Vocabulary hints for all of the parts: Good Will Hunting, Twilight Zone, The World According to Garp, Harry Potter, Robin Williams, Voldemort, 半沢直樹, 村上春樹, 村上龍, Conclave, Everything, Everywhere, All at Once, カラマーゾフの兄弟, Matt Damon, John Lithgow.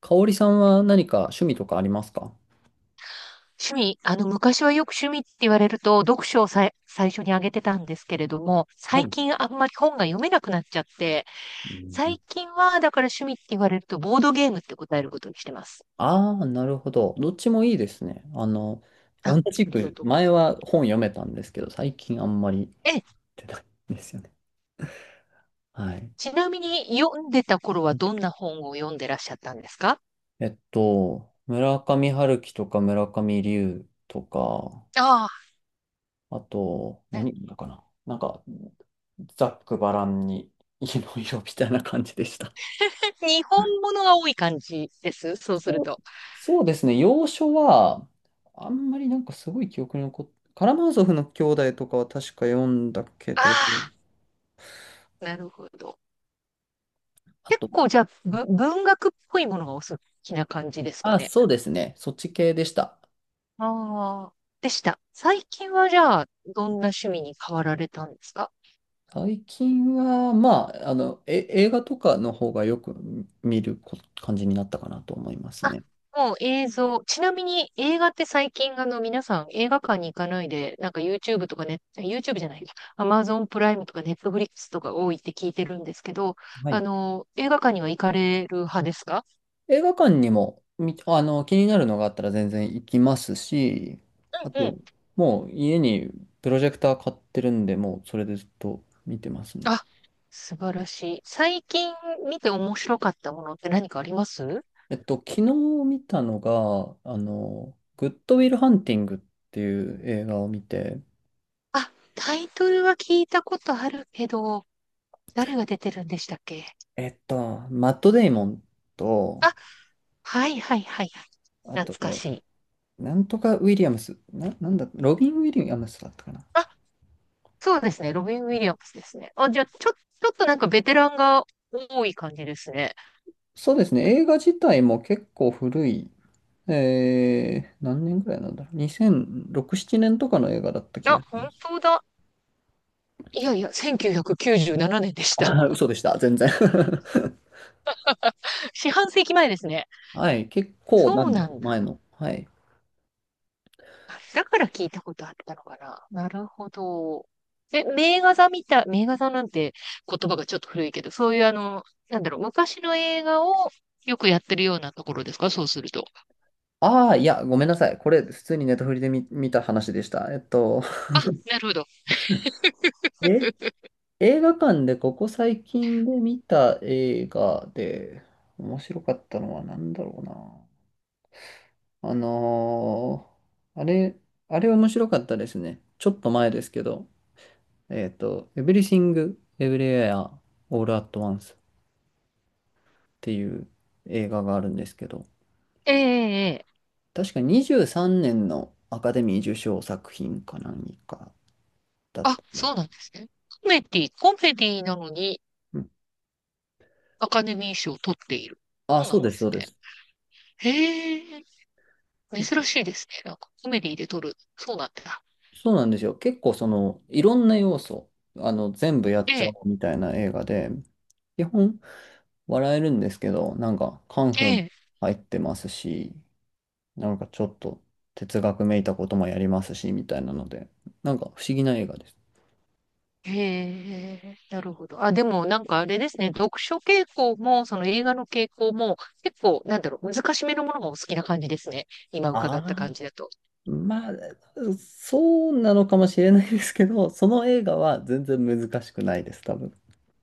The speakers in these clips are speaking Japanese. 香織さんは何か趣味とかありますか？趣味、昔はよく趣味って言われると、読書をさい、最初に挙げてたんですけれども、は最い。近あんまり本が読めなくなっちゃって、最近は、だから趣味って言われると、ボードゲームって答えることにしてます。ああー、なるほど。どっちもいいですね。あ、あ同じりがく、とう。前は本読めたんですけど、最近あんまりえ、出ないんですよね。はい。ちなみに読んでた頃はどんな本を読んでらっしゃったんですか？村上春樹とか村上龍とか、ああ、あと、何だかな。なんか、ざっくばらんに、いろいろみたいな感じでした。日本物が多い感じです。そうするそうと。そうですね、洋書は、あんまりなんかすごい記憶に残ってカラマーゾフの兄弟とかは確か読んだけあど、あ、なるほど。あ結と、構じゃあ、文学っぽいものがお好きな感じですかあ、ね。そうですね、そっち系でした。ああ、でした。最近はじゃあ、どんな趣味に変わられたんですか？最近は、まあ、映画とかの方がよく見る感じになったかなと思いますあ、ね。もう映像。ちなみに映画って最近、皆さん映画館に行かないで、なんか YouTube とかね、YouTube じゃない、Amazon プライムとか Netflix とか多いって聞いてるんですけど、はい。映画館には行かれる派ですか？映画館にも、気になるのがあったら全然行きますし、あうんうん。と、もう家にプロジェクター買ってるんで、もうそれでずっと見てますね。あ、素晴らしい。最近見て面白かったものって何かあります？昨日見たのが、グッドウィルハンティングっていう映画を見て、あ、タイトルは聞いたことあるけど、誰が出てるんでしたっけ？えっと、マット・デイモンと、あ、はいはいはいはい。あ懐と、かしい。なんとかウィリアムス、なんだ、ロビン・ウィリアムスだったかな。あ、そうですね。ロビン・ウィリアムスですね。あ、じゃあ、ちょっとなんかベテランが多い感じですね。そうですね、映画自体も結構古い、何年ぐらいなんだろう、2006、7年とかの映画だった気があ、し本ます。当だ。いやいや、1997年で した。あ嘘でした、全然 四半世紀前ですね。はい、結構なそうんで、なんだ。前の。はい。あ、だから聞いたことあったのかな。なるほど。名画座みたい、名画座なんて言葉がちょっと古いけど、そういう昔の映画をよくやってるようなところですか？そうすると。ああ、いや、ごめんなさい。これ、普通にネタフリで見た話でした。あ、なるほど。え、映画館でここ最近で見た映画で面白かったのは何だろうな。ーあれ、あれ面白かったですね。ちょっと前ですけど、Everything, Everywhere, All at Once っていう映画があるんですけど、ええええ。確か23年のアカデミー受賞作品か何かだっあ、た。そうなんですね。コメディなのにうん、アカデミー賞を取っている。あ、そうなそんうでです、そすうでね。す。へえ、なん珍か、しいですね。なんかコメディで取る。そうなんだ。そうなんですよ。結構その、いろんな要素、全部やっえちゃえ、おうみたいな映画で、基本笑えるんですけど、なんかカンえフーもえ、入ってますし、なんかちょっと哲学めいたこともやりますし、みたいなので、なんか不思議な映画です。ええ、なるほど。あ、でもなんかあれですね。読書傾向も、その映画の傾向も、結構、難しめのものがお好きな感じですね。今伺ったあ感じだあ、と。まあ、そうなのかもしれないですけど、その映画は全然難しくないです、多分。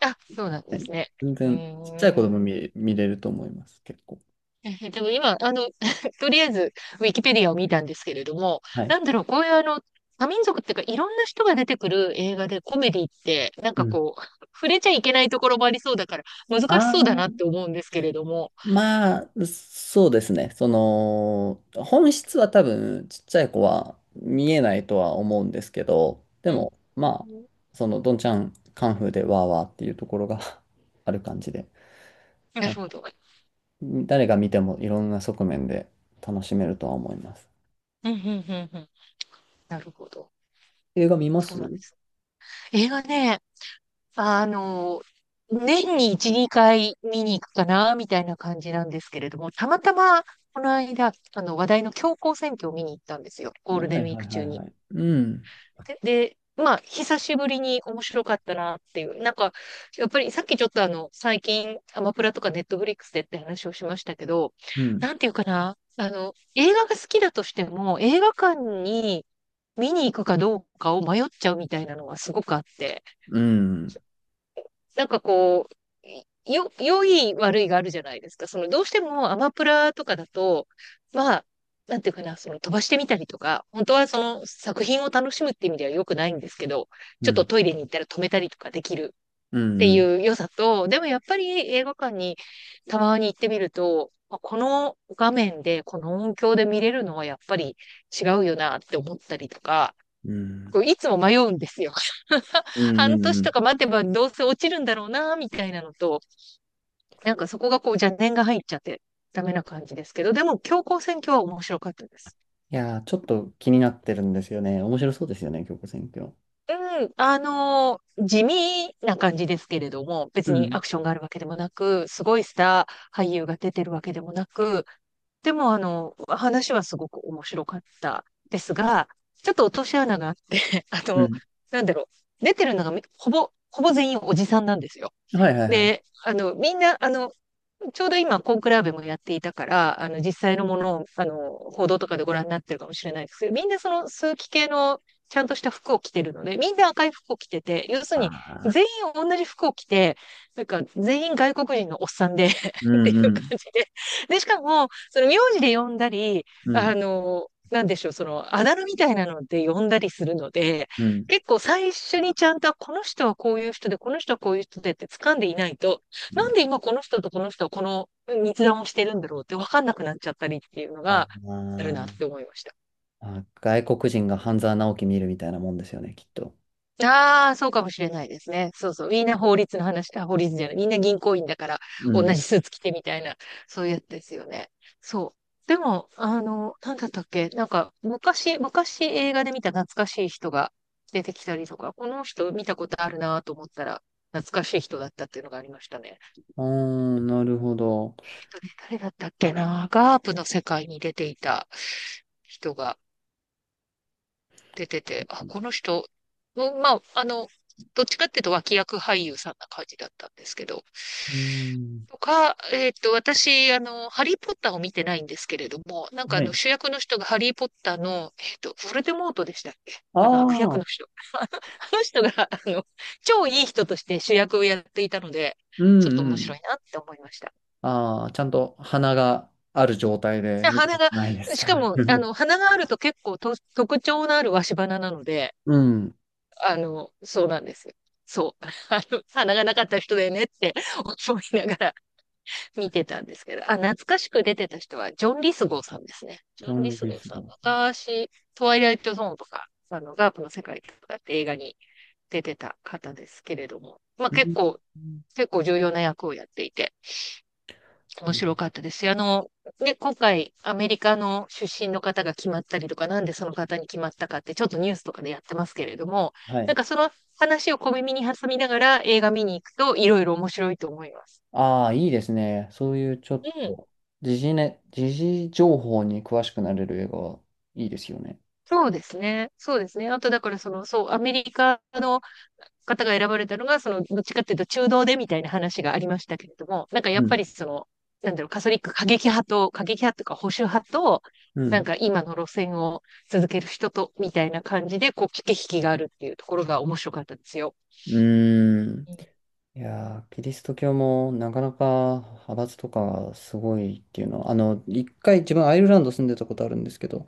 あ、そうなんはですい。ね。全う然ちっちゃい子ー供ん。見れると思います、結構。でも今、とりあえず、ウィキペディアを見たんですけれども、はい。こういう多民族っていうか、いろんな人が出てくる映画でコメディって、なんうかん。こう、触れちゃいけないところもありそうだから、難しそうだあなあ、って思うんですけれども。まあ、そうですね。その、本質は多分、ちっちゃい子は見えないとは思うんですけど、でうん。も、まあ、その、どんちゃんカンフーでわーわーっていうところが ある感じで、なるなんかほど。誰が見てもいろんな側面で楽しめるとは思います。うん、うん、うん、うん。なるほど。映画見まそす。うなはんです。映画ね、あの、年に1、2回見に行くかな、みたいな感じなんですけれども、たまたま、この間、話題の教皇選挙を見に行ったんですよ。いゴールはデンウいィーはクい中に。はい。うん、でまあ、久しぶりに面白かったなっていう。なんか、やっぱりさっきちょっと最近、アマプラとかネットフリックスでって話をしましたけど、うん、なんていうかな、映画が好きだとしても、映画館に見に行くかどうかを迷っちゃうみたいなのはすごくあって。うん、なんかこう、良い悪いがあるじゃないですか。その、どうしてもアマプラとかだと、まあ、なんていうかな、その飛ばしてみたりとか、本当はその作品を楽しむっていう意味では良くないんですけど、うちょっとん、トイレに行ったら止めたりとかできるうっん、てうん、いう良さと、でもやっぱり映画館にたまに行ってみると、まあこの画面で、この音響で見れるのはやっぱり違うよなって思ったりとか、うん、こういつも迷うんですよ。うん、半う年ん。とか待てばどうせ落ちるんだろうな、みたいなのと、なんかそこがこう邪念が入っちゃってダメな感じですけど、でも強行選挙は面白かったです。いやー、ちょっと気になってるんですよね。面白そうですよね、京子選挙。うん、地味な感じですけれども、う別にアんクションがあるわけでもなく、すごいスター俳優が出てるわけでもなく、でも話はすごく面白かったですが、ちょっと落とし穴があって、あうの、ん。なんだろ出てるのがみほぼ、ほぼ全員おじさんなんですよ。はいはいはい。で、みんな、ちょうど今、コンクラーベもやっていたから、実際のものを、報道とかでご覧になってるかもしれないですけど、みんなその枢機系のちゃんとした服を着てるので、みんな赤い服を着てて、要すあるにあ、全員同じ服を着て、なんか全員外国人のおっさんで う っていんうう感ん、じで。で、しかも、その名字で呼んだり、うん、なんでしょう、その、あだ名みたいなので呼んだりするので、うん。結構最初にちゃんと、この人はこういう人で、この人はこういう人でって掴んでいないと、うなん。んで今この人とこの人はこの密談をしてるんだろうって分かんなくなっちゃったりっていうのあがあるなっーて思いました。あ、外国人が半沢直樹見るみたいなもんですよね、きっと。ああ、そうかもしれないですね。そうそう。みんな法律の話、あ、法律じゃない。みんな銀行員だからう同ん。じスーツ着てみたいな、そういうやつですよね。そう。でも、なんだったっけなんか、昔映画で見た懐かしい人が出てきたりとか、この人見たことあるなと思ったら、懐かしい人だったっていうのがありましたね。ああ、なるほど。とね誰だったっけな、ガープの世界に出ていた人が出てて、あ、この人、うん、まあ、どっちかっていうと脇役俳優さんな感じだったんですけど、うん。とか、私、ハリー・ポッターを見てないんですけれども、なんかはい。主役の人がハリー・ポッターの、ヴォルデモートでしたっけ？あ悪役あ、の人。あのあの人が、超いい人として主役をやっていたので、うちょっんとう面白ん。いなって思いました。ああ、ちゃんと鼻がある状態でで、見たことないです。し多かも、分。鼻があると結構と特徴のある鷲鼻なので、うん。そうなんですよ。そう。鼻がなかった人だよねって思いながら 見てたんですけど、あ、懐かしく出てた人は、ジョン・リスゴーさんですね。ジジョョン・リン・スリゴースさん、ゴーさ昔、トワイライト・ゾーンとか、ガープの世界とかって映画に出てた方ですけれども、まあ結構、ん。結構重要な役をやっていて、う面ん。白かったですよ。ね、今回、アメリカの出身の方が決まったりとか、なんでその方に決まったかって、ちょっとニュースとかでやってますけれども、はない。んかその話を小耳に挟みながら映画見に行くと、いろいろ面白いと思います。ああ、いいですね。そういうちょっうん。と、時事情報に詳しくなれる映画はいいですよね。そうですね。そうですね。あと、だから、その、そう、アメリカの方が選ばれたのが、その、どっちかっていうと中道でみたいな話がありましたけれども、なんかやうっん。ぱりその、カトリック過激派と、過激派とか保守派と、うなんん。か今の路線を続ける人と、みたいな感じで、こう、駆け引きがあるっていうところが面白かったですよ。うーん。うん。いやー、キリスト教もなかなか派閥とかがすごいっていうのは、1回自分アイルランド住んでたことあるんですけど、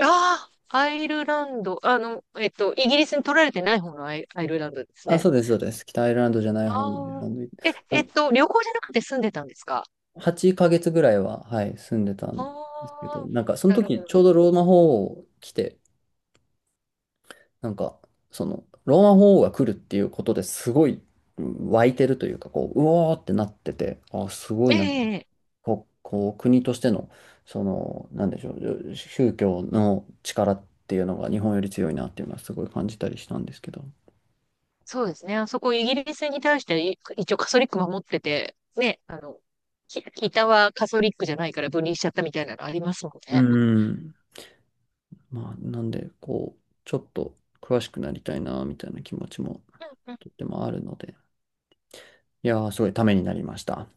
ああ、アイルランド、イギリスに取られてない方のアイルランドですあ、ね。そうです、そうです。北アイルランドじゃない方のアイルあラあ、ンドに、あ、旅行じゃなくて住んでたんですか？8ヶ月ぐらいは、はい、住んでたんあですけど、あー、なんかそのなるほ時どちね。ょうどローマ法王来て、なんか、その、ローマ法王が来るっていうことですごいうん湧いてるというか、こう、うおーってなってて、あ、すごいな、ええ、こう、国としての、その、なんでしょう、宗教の力っていうのが日本より強いなっていうのはすごい感じたりしたんですけど。そうですね。あそこイギリスに対して一応カソリック守ってて、ね、北はカソリックじゃないから分離しちゃったみたいなのありますもんうね。ん。まあ、なんで、こう、ちょっと詳しくなりたいな、みたいな気持ちもとってもあるので、いやー、すごいためになりました。